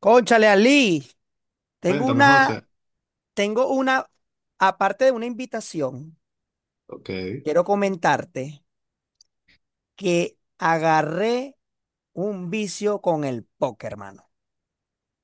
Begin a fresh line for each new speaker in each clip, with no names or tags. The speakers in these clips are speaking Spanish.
Cónchale, Ali, tengo
Cuéntame,
una,
José.
tengo una, aparte de una invitación,
Ok.
quiero comentarte que agarré un vicio con el póker, hermano.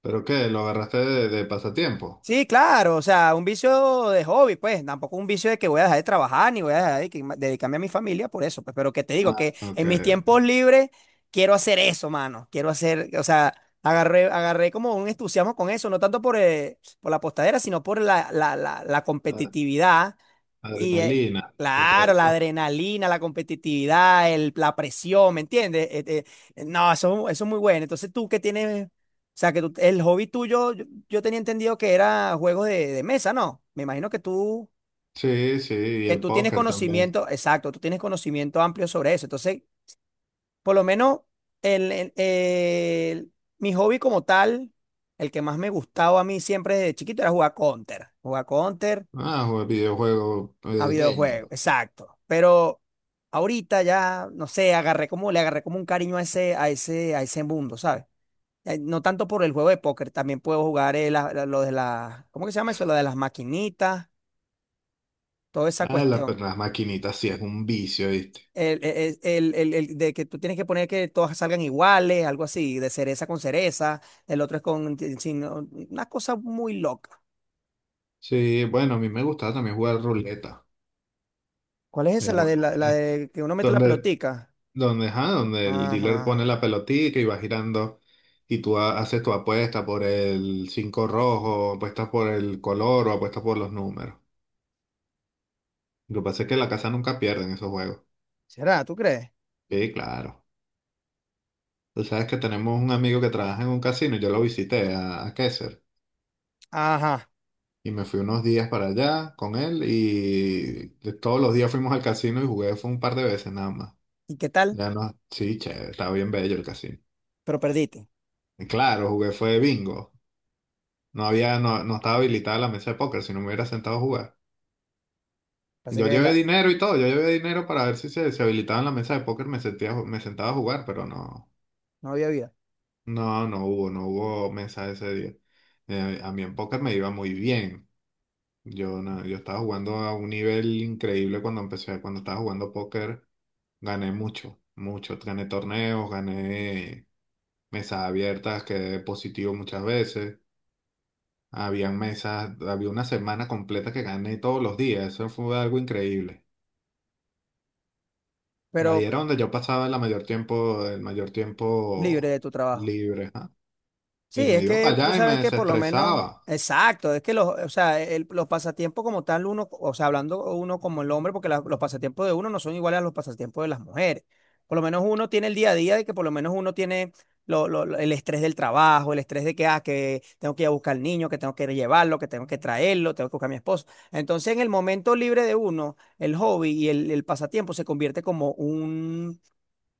¿Pero qué? ¿Lo agarraste de pasatiempo?
Sí, claro, o sea, un vicio de hobby, pues, tampoco un vicio de que voy a dejar de trabajar ni voy a dejar de dedicarme a mi familia por eso, pues, pero que te digo
Ah,
que
ok.
en mis tiempos libres quiero hacer eso, mano, quiero hacer, o sea, agarré como un entusiasmo con eso, no tanto por la postadera, sino por la
Ah,
competitividad. Y eh,
Adrenalina. ¿Qué te da
claro,
el
la
póker?
adrenalina, la competitividad, la presión, ¿me entiendes? No, eso es muy bueno. Entonces tú que tienes, o sea, que el hobby tuyo, yo tenía entendido que era juegos de mesa, ¿no? Me imagino
Sí, sí, y
que
el
tú tienes
póker también.
conocimiento, exacto, tú tienes conocimiento amplio sobre eso. Entonces, por lo menos, el, el- el- mi hobby como tal, el que más me gustaba a mí siempre desde chiquito era jugar Counter. Jugar Counter.
Ah, juego videojuego
A
gaming.
videojuegos, exacto. Pero ahorita ya, no sé, agarré como, le agarré como un cariño a ese, mundo, ¿sabes? No tanto por el juego de póker, también puedo jugar lo de las, ¿cómo que se llama eso? Lo de las maquinitas, toda esa
Ah,
cuestión.
las maquinitas sí es un vicio, ¿viste?
El de que tú tienes que poner que todas salgan iguales, algo así, de cereza con cereza, el otro es con, una cosa muy loca.
Sí, bueno, a mí me gustaba también jugar ruleta.
¿Cuál es
Es,
esa? La
bu-
de, la
es
de que uno mete la
donde,
pelotica.
donde, ajá, donde el
Ajá,
dealer pone
ajá.
la pelotita y va girando y tú haces tu apuesta por el cinco rojo, apuestas por el color o apuestas por los números. Lo que pasa es que la casa nunca pierde en esos juegos.
¿Será? ¿Tú crees?
Sí, claro. Tú sabes que tenemos un amigo que trabaja en un casino y yo lo visité a Kaiser.
Ajá.
Y me fui unos días para allá con él y todos los días fuimos al casino y jugué fue un par de veces nada más.
¿Y qué tal?
Ya no, sí, che, estaba bien bello el casino.
Pero perdiste.
Y claro, jugué fue bingo. No había, no, No estaba habilitada la mesa de póker, si no me hubiera sentado a jugar.
Así
Yo
que
llevé dinero y todo, yo llevé dinero para ver si se, se habilitaba en la mesa de póker, me sentía, me sentaba a jugar, pero no.
no había vida.
No, no hubo, no hubo mesa ese día. A mí en póker me iba muy bien. Yo, no, Yo estaba jugando a un nivel increíble cuando empecé, cuando estaba jugando póker, gané mucho, mucho. Gané torneos, gané mesas abiertas, quedé positivo muchas veces. Habían mesas, había una semana completa que gané todos los días. Eso fue algo increíble.
Pero
Ahí era donde yo pasaba la mayor tiempo, el mayor
libre
tiempo
de tu trabajo.
libre, ¿ah? Y
Sí,
me
es
iba
que
para
tú
allá y me
sabes que por lo menos,
desestresaba.
exacto, es que los, o sea, los pasatiempos como tal, uno, o sea, hablando uno como el hombre, porque los pasatiempos de uno no son iguales a los pasatiempos de las mujeres. Por lo menos uno tiene el día a día de que por lo menos uno tiene el estrés del trabajo, el estrés de que, ah, que tengo que ir a buscar al niño, que tengo que llevarlo, que tengo que traerlo, tengo que buscar a mi esposo. Entonces, en el momento libre de uno, el hobby y el pasatiempo se convierte como un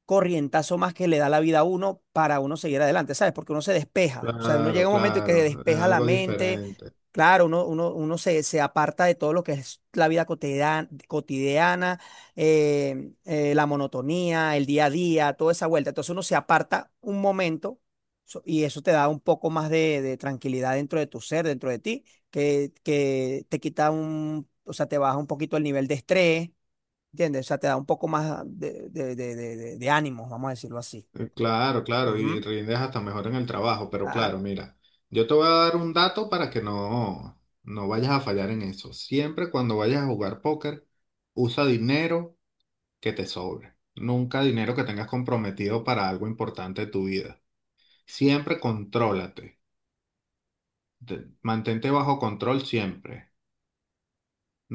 corrientazo más que le da la vida a uno para uno seguir adelante, ¿sabes? Porque uno se despeja, o sea, uno llega
Claro,
a un momento en que se
claro, es
despeja la
algo
mente,
diferente.
claro, uno se aparta de todo lo que es la vida cotidiana, la monotonía, el día a día, toda esa vuelta. Entonces uno se aparta un momento y eso te da un poco más de tranquilidad dentro de tu ser, dentro de ti, que te quita un, o sea, te baja un poquito el nivel de estrés. ¿Entiendes? O sea, te da un poco más de ánimos, vamos a decirlo así.
Claro, claro, y
Ujú.
rindes hasta mejor en el trabajo, pero claro,
Claro.
mira, yo te voy a dar un dato para que no vayas a fallar en eso. Siempre cuando vayas a jugar póker, usa dinero que te sobre. Nunca dinero que tengas comprometido para algo importante de tu vida. Siempre contrólate. Mantente bajo control siempre.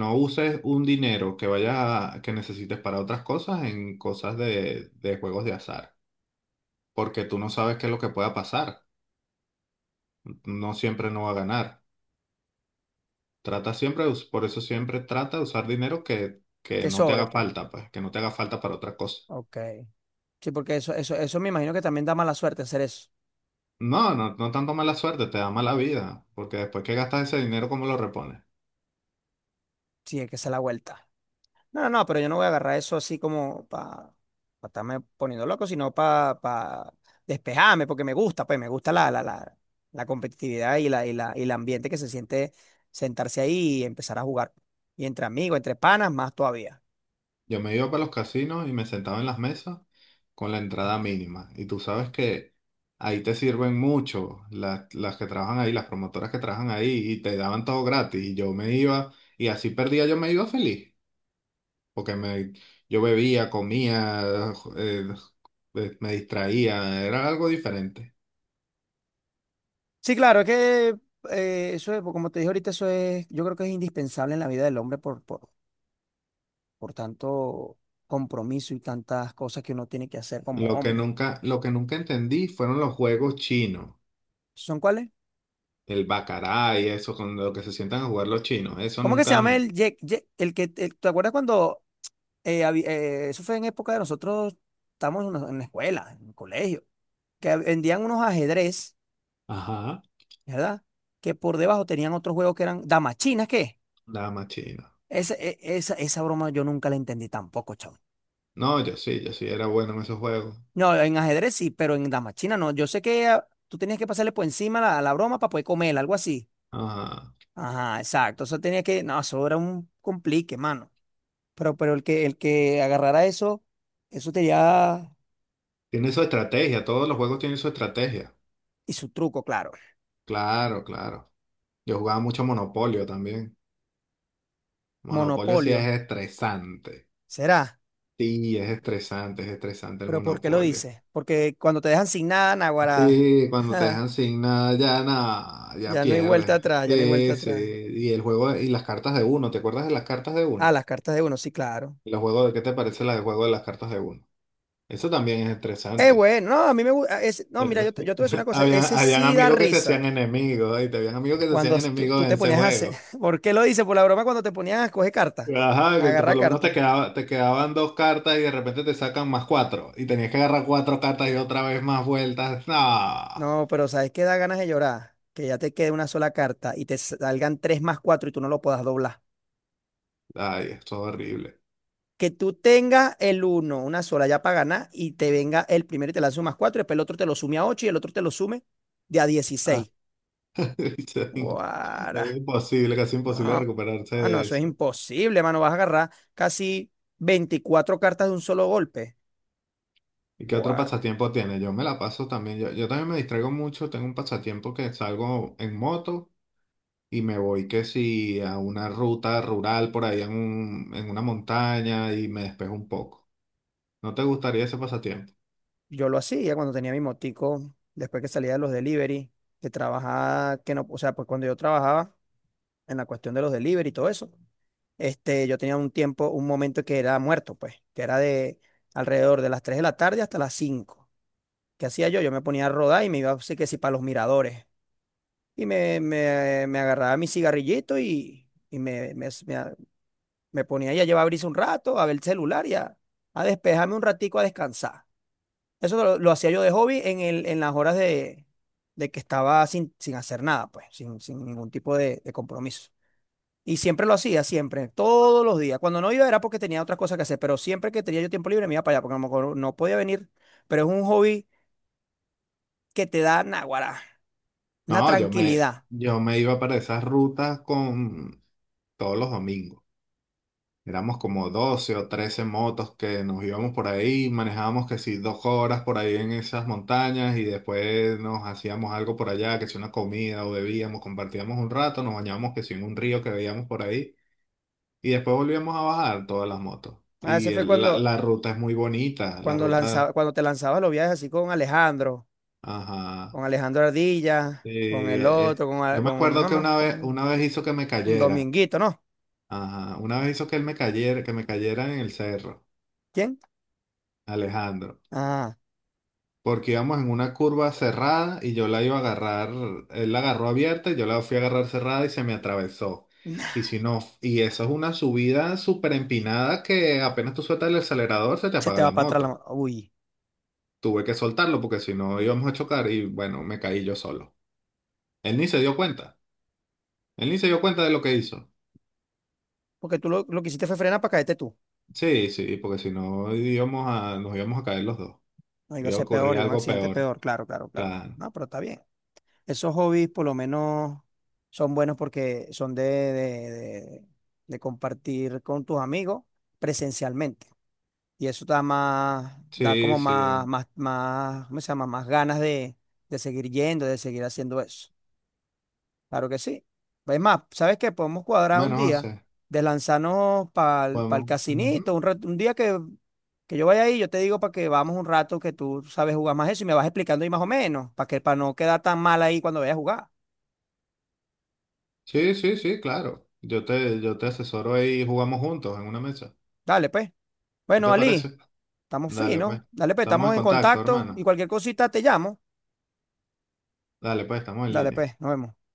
No uses un dinero que que necesites para otras cosas en cosas de juegos de azar, porque tú no sabes qué es lo que pueda pasar. No siempre no va a ganar. Trata siempre, por eso siempre trata de usar dinero que
Que
no te
sobre,
haga
pues.
falta, pues, que no te haga falta para otra cosa.
Ok. Sí, porque eso me imagino que también da mala suerte hacer eso.
No, no, no tanto mala suerte, te da mala vida, porque después que gastas ese dinero, ¿cómo lo repones?
Sí, es que se la vuelta. No, no, no, pero yo no voy a agarrar eso así como para estarme poniendo loco, sino para pa pa despejarme, porque me gusta, pues me gusta la competitividad y el ambiente que se siente sentarse ahí y empezar a jugar. Y entre amigos, entre panas, más todavía.
Yo me iba para los casinos y me sentaba en las mesas con la entrada mínima. Y tú sabes que ahí te sirven mucho las que trabajan ahí, las promotoras que trabajan ahí, y te daban todo gratis. Y yo me iba, y así perdía, yo me iba feliz, porque yo bebía, comía, eh, me distraía, era algo diferente.
Sí, claro, es que eso es, como te dije ahorita, eso es, yo creo que es indispensable en la vida del hombre por tanto compromiso y tantas cosas que uno tiene que hacer como
Lo que
hombre.
nunca, lo que nunca entendí fueron los juegos chinos,
¿Son cuáles?
el baccarat y eso, con lo que se sientan a jugar los chinos, eso
¿Cómo que se
nunca.
llama el, el que, te acuerdas cuando, eso fue en época de nosotros, estamos en la escuela, en el colegio, que vendían unos ajedrez,
Ajá,
¿verdad? Que por debajo tenían otros juegos que eran damas chinas. ¿Qué?
nada más chino.
Esa, esa, esa broma yo nunca la entendí tampoco, chavo.
No, yo sí, yo sí era bueno en esos juegos.
No, en ajedrez sí, pero en damas chinas no. Yo sé que ah, tú tenías que pasarle por encima la broma para poder comer, algo así.
Ajá.
Ajá, exacto. Eso tenía que. No, eso era un complique, mano. Pero el que agarrara eso, eso tenía.
Tiene su estrategia, todos los juegos tienen su estrategia.
Y su truco, claro.
Claro, claro. Yo jugaba mucho Monopolio también. Monopolio sí es
Monopolio.
estresante.
¿Será?
Sí, es estresante el
¿Pero por qué lo
monopolio.
dices? Porque cuando te dejan sin nada, naguará.
Sí, cuando te dejan sin nada, ya nada, ya
Ya no hay vuelta
pierdes.
atrás, ya no hay vuelta
Sí, sí.
atrás.
Y el juego y las cartas de uno, ¿te acuerdas de las cartas de
Ah,
uno?
las cartas de uno, sí, claro.
Y los juegos de qué te parece la de juego de las cartas de uno. Eso también es estresante.
Bueno, no, a mí me gusta. No, mira,
Eh,
yo te voy a decir una cosa.
Habían,
Ese
habían
sí da
amigos que te hacían
risa.
enemigos, y te habían amigos que te
Cuando
hacían
tú
enemigos en
te
ese
ponías a hacer,
juego.
¿por qué lo dices? Por la broma cuando te ponías a escoger carta,
Ajá, por
agarra
lo menos
carta.
te quedaban dos cartas y de repente te sacan más cuatro. Y tenías que agarrar cuatro cartas y otra vez más vueltas. No.
No, pero ¿sabes qué da ganas de llorar? Que ya te quede una sola carta y te salgan tres más cuatro y tú no lo puedas doblar.
Ay, es todo horrible.
Que tú tengas el uno, una sola ya para ganar y te venga el primero y te lance un más cuatro, y después el otro te lo sume a ocho y el otro te lo sume de a
Ah,
16. Guara.
Es imposible, casi imposible
No,
recuperarse
no,
de
eso es
eso.
imposible, mano. Vas a agarrar casi 24 cartas de un solo golpe.
¿Y qué otro pasatiempo tiene? Yo me la paso también, yo también me distraigo mucho, tengo un pasatiempo que salgo en moto y me voy que si a una ruta rural por ahí en una montaña y me despejo un poco. ¿No te gustaría ese pasatiempo?
Yo lo hacía cuando tenía mi motico, después que salía de los delivery, que trabajaba, que no, o sea, pues cuando yo trabajaba en la cuestión de los delivery y todo eso, este, yo tenía un tiempo, un momento que era muerto, pues, que era de alrededor de las 3 de la tarde hasta las 5. ¿Qué hacía yo? Yo me ponía a rodar y me iba, así que sí, para los miradores. Y me agarraba mi cigarrillito y, me ponía ahí a llevar brisa un rato, a ver el celular y a despejarme un ratico, a descansar. Eso lo hacía yo de hobby en el, en las horas de que estaba sin, sin hacer nada, pues, sin, sin ningún tipo de compromiso. Y siempre lo hacía, siempre, todos los días. Cuando no iba era porque tenía otras cosas que hacer, pero siempre que tenía yo tiempo libre me iba para allá, porque a lo mejor no podía venir, pero es un hobby que te da náguara, una
No, yo me,
tranquilidad.
Yo me iba para esas rutas con todos los domingos. Éramos como 12 o 13 motos que nos íbamos por ahí, manejábamos que si 2 horas por ahí en esas montañas y después nos hacíamos algo por allá, que si una comida o bebíamos, compartíamos un rato, nos bañábamos que si en un río que veíamos por ahí y después volvíamos a bajar todas las motos.
A
Y
veces fue cuando,
la ruta es muy bonita, la
cuando,
ruta,
lanzaba, cuando te lanzabas los viajes así
ajá.
con Alejandro Ardilla,
Sí,
con el
Eh, eh,
otro, con,
yo me
con
acuerdo que
mamá,
una vez hizo que me
con
cayera,
Dominguito, ¿no?
ajá, una vez hizo que él me cayera, que me cayera en el cerro,
¿Quién?
Alejandro,
Ah.
porque íbamos en una curva cerrada y yo la iba a agarrar, él la agarró abierta y yo la fui a agarrar cerrada y se me atravesó. Y si no, y eso es una subida súper empinada que apenas tú sueltas el acelerador se te
Se te
apaga la
va para atrás la
moto.
mano. Uy,
Tuve que soltarlo porque si no íbamos a chocar y bueno, me caí yo solo. Él ni se dio cuenta. Él ni se dio cuenta de lo que hizo.
porque tú lo que hiciste fue frenar para caerte tú.
Sí, sí, porque si no nos íbamos a caer los dos.
No iba a
Iba a
ser
ocurrir
peor y un
algo
accidente
peor.
peor, claro, claro, claro.
Claro.
No, pero está bien. Esos hobbies por lo menos son buenos porque son de, de compartir con tus amigos presencialmente. Y eso da más, da
Sí,
como más,
sí.
más, más, ¿cómo se llama? Más ganas de seguir yendo, de seguir haciendo eso. Claro que sí. Es más, ¿sabes qué? Podemos cuadrar un
Bueno, o
día
sea,
de lanzarnos para el
podemos.
casinito,
Ujú.
un, un día que yo vaya ahí, yo te digo para que vamos un rato que tú sabes jugar más eso y me vas explicando ahí más o menos, para que para no quedar tan mal ahí cuando vayas a jugar.
Sí, sí, sí, claro. Yo te asesoro ahí y jugamos juntos en una mesa.
Dale, pues.
¿Qué
Bueno,
te
Ali,
parece?
estamos
Dale, pues.
finos. Dale, pues,
Estamos en
estamos en
contacto,
contacto y
hermano.
cualquier cosita te llamo.
Dale, pues, estamos en
Dale,
línea.
pues, nos vemos.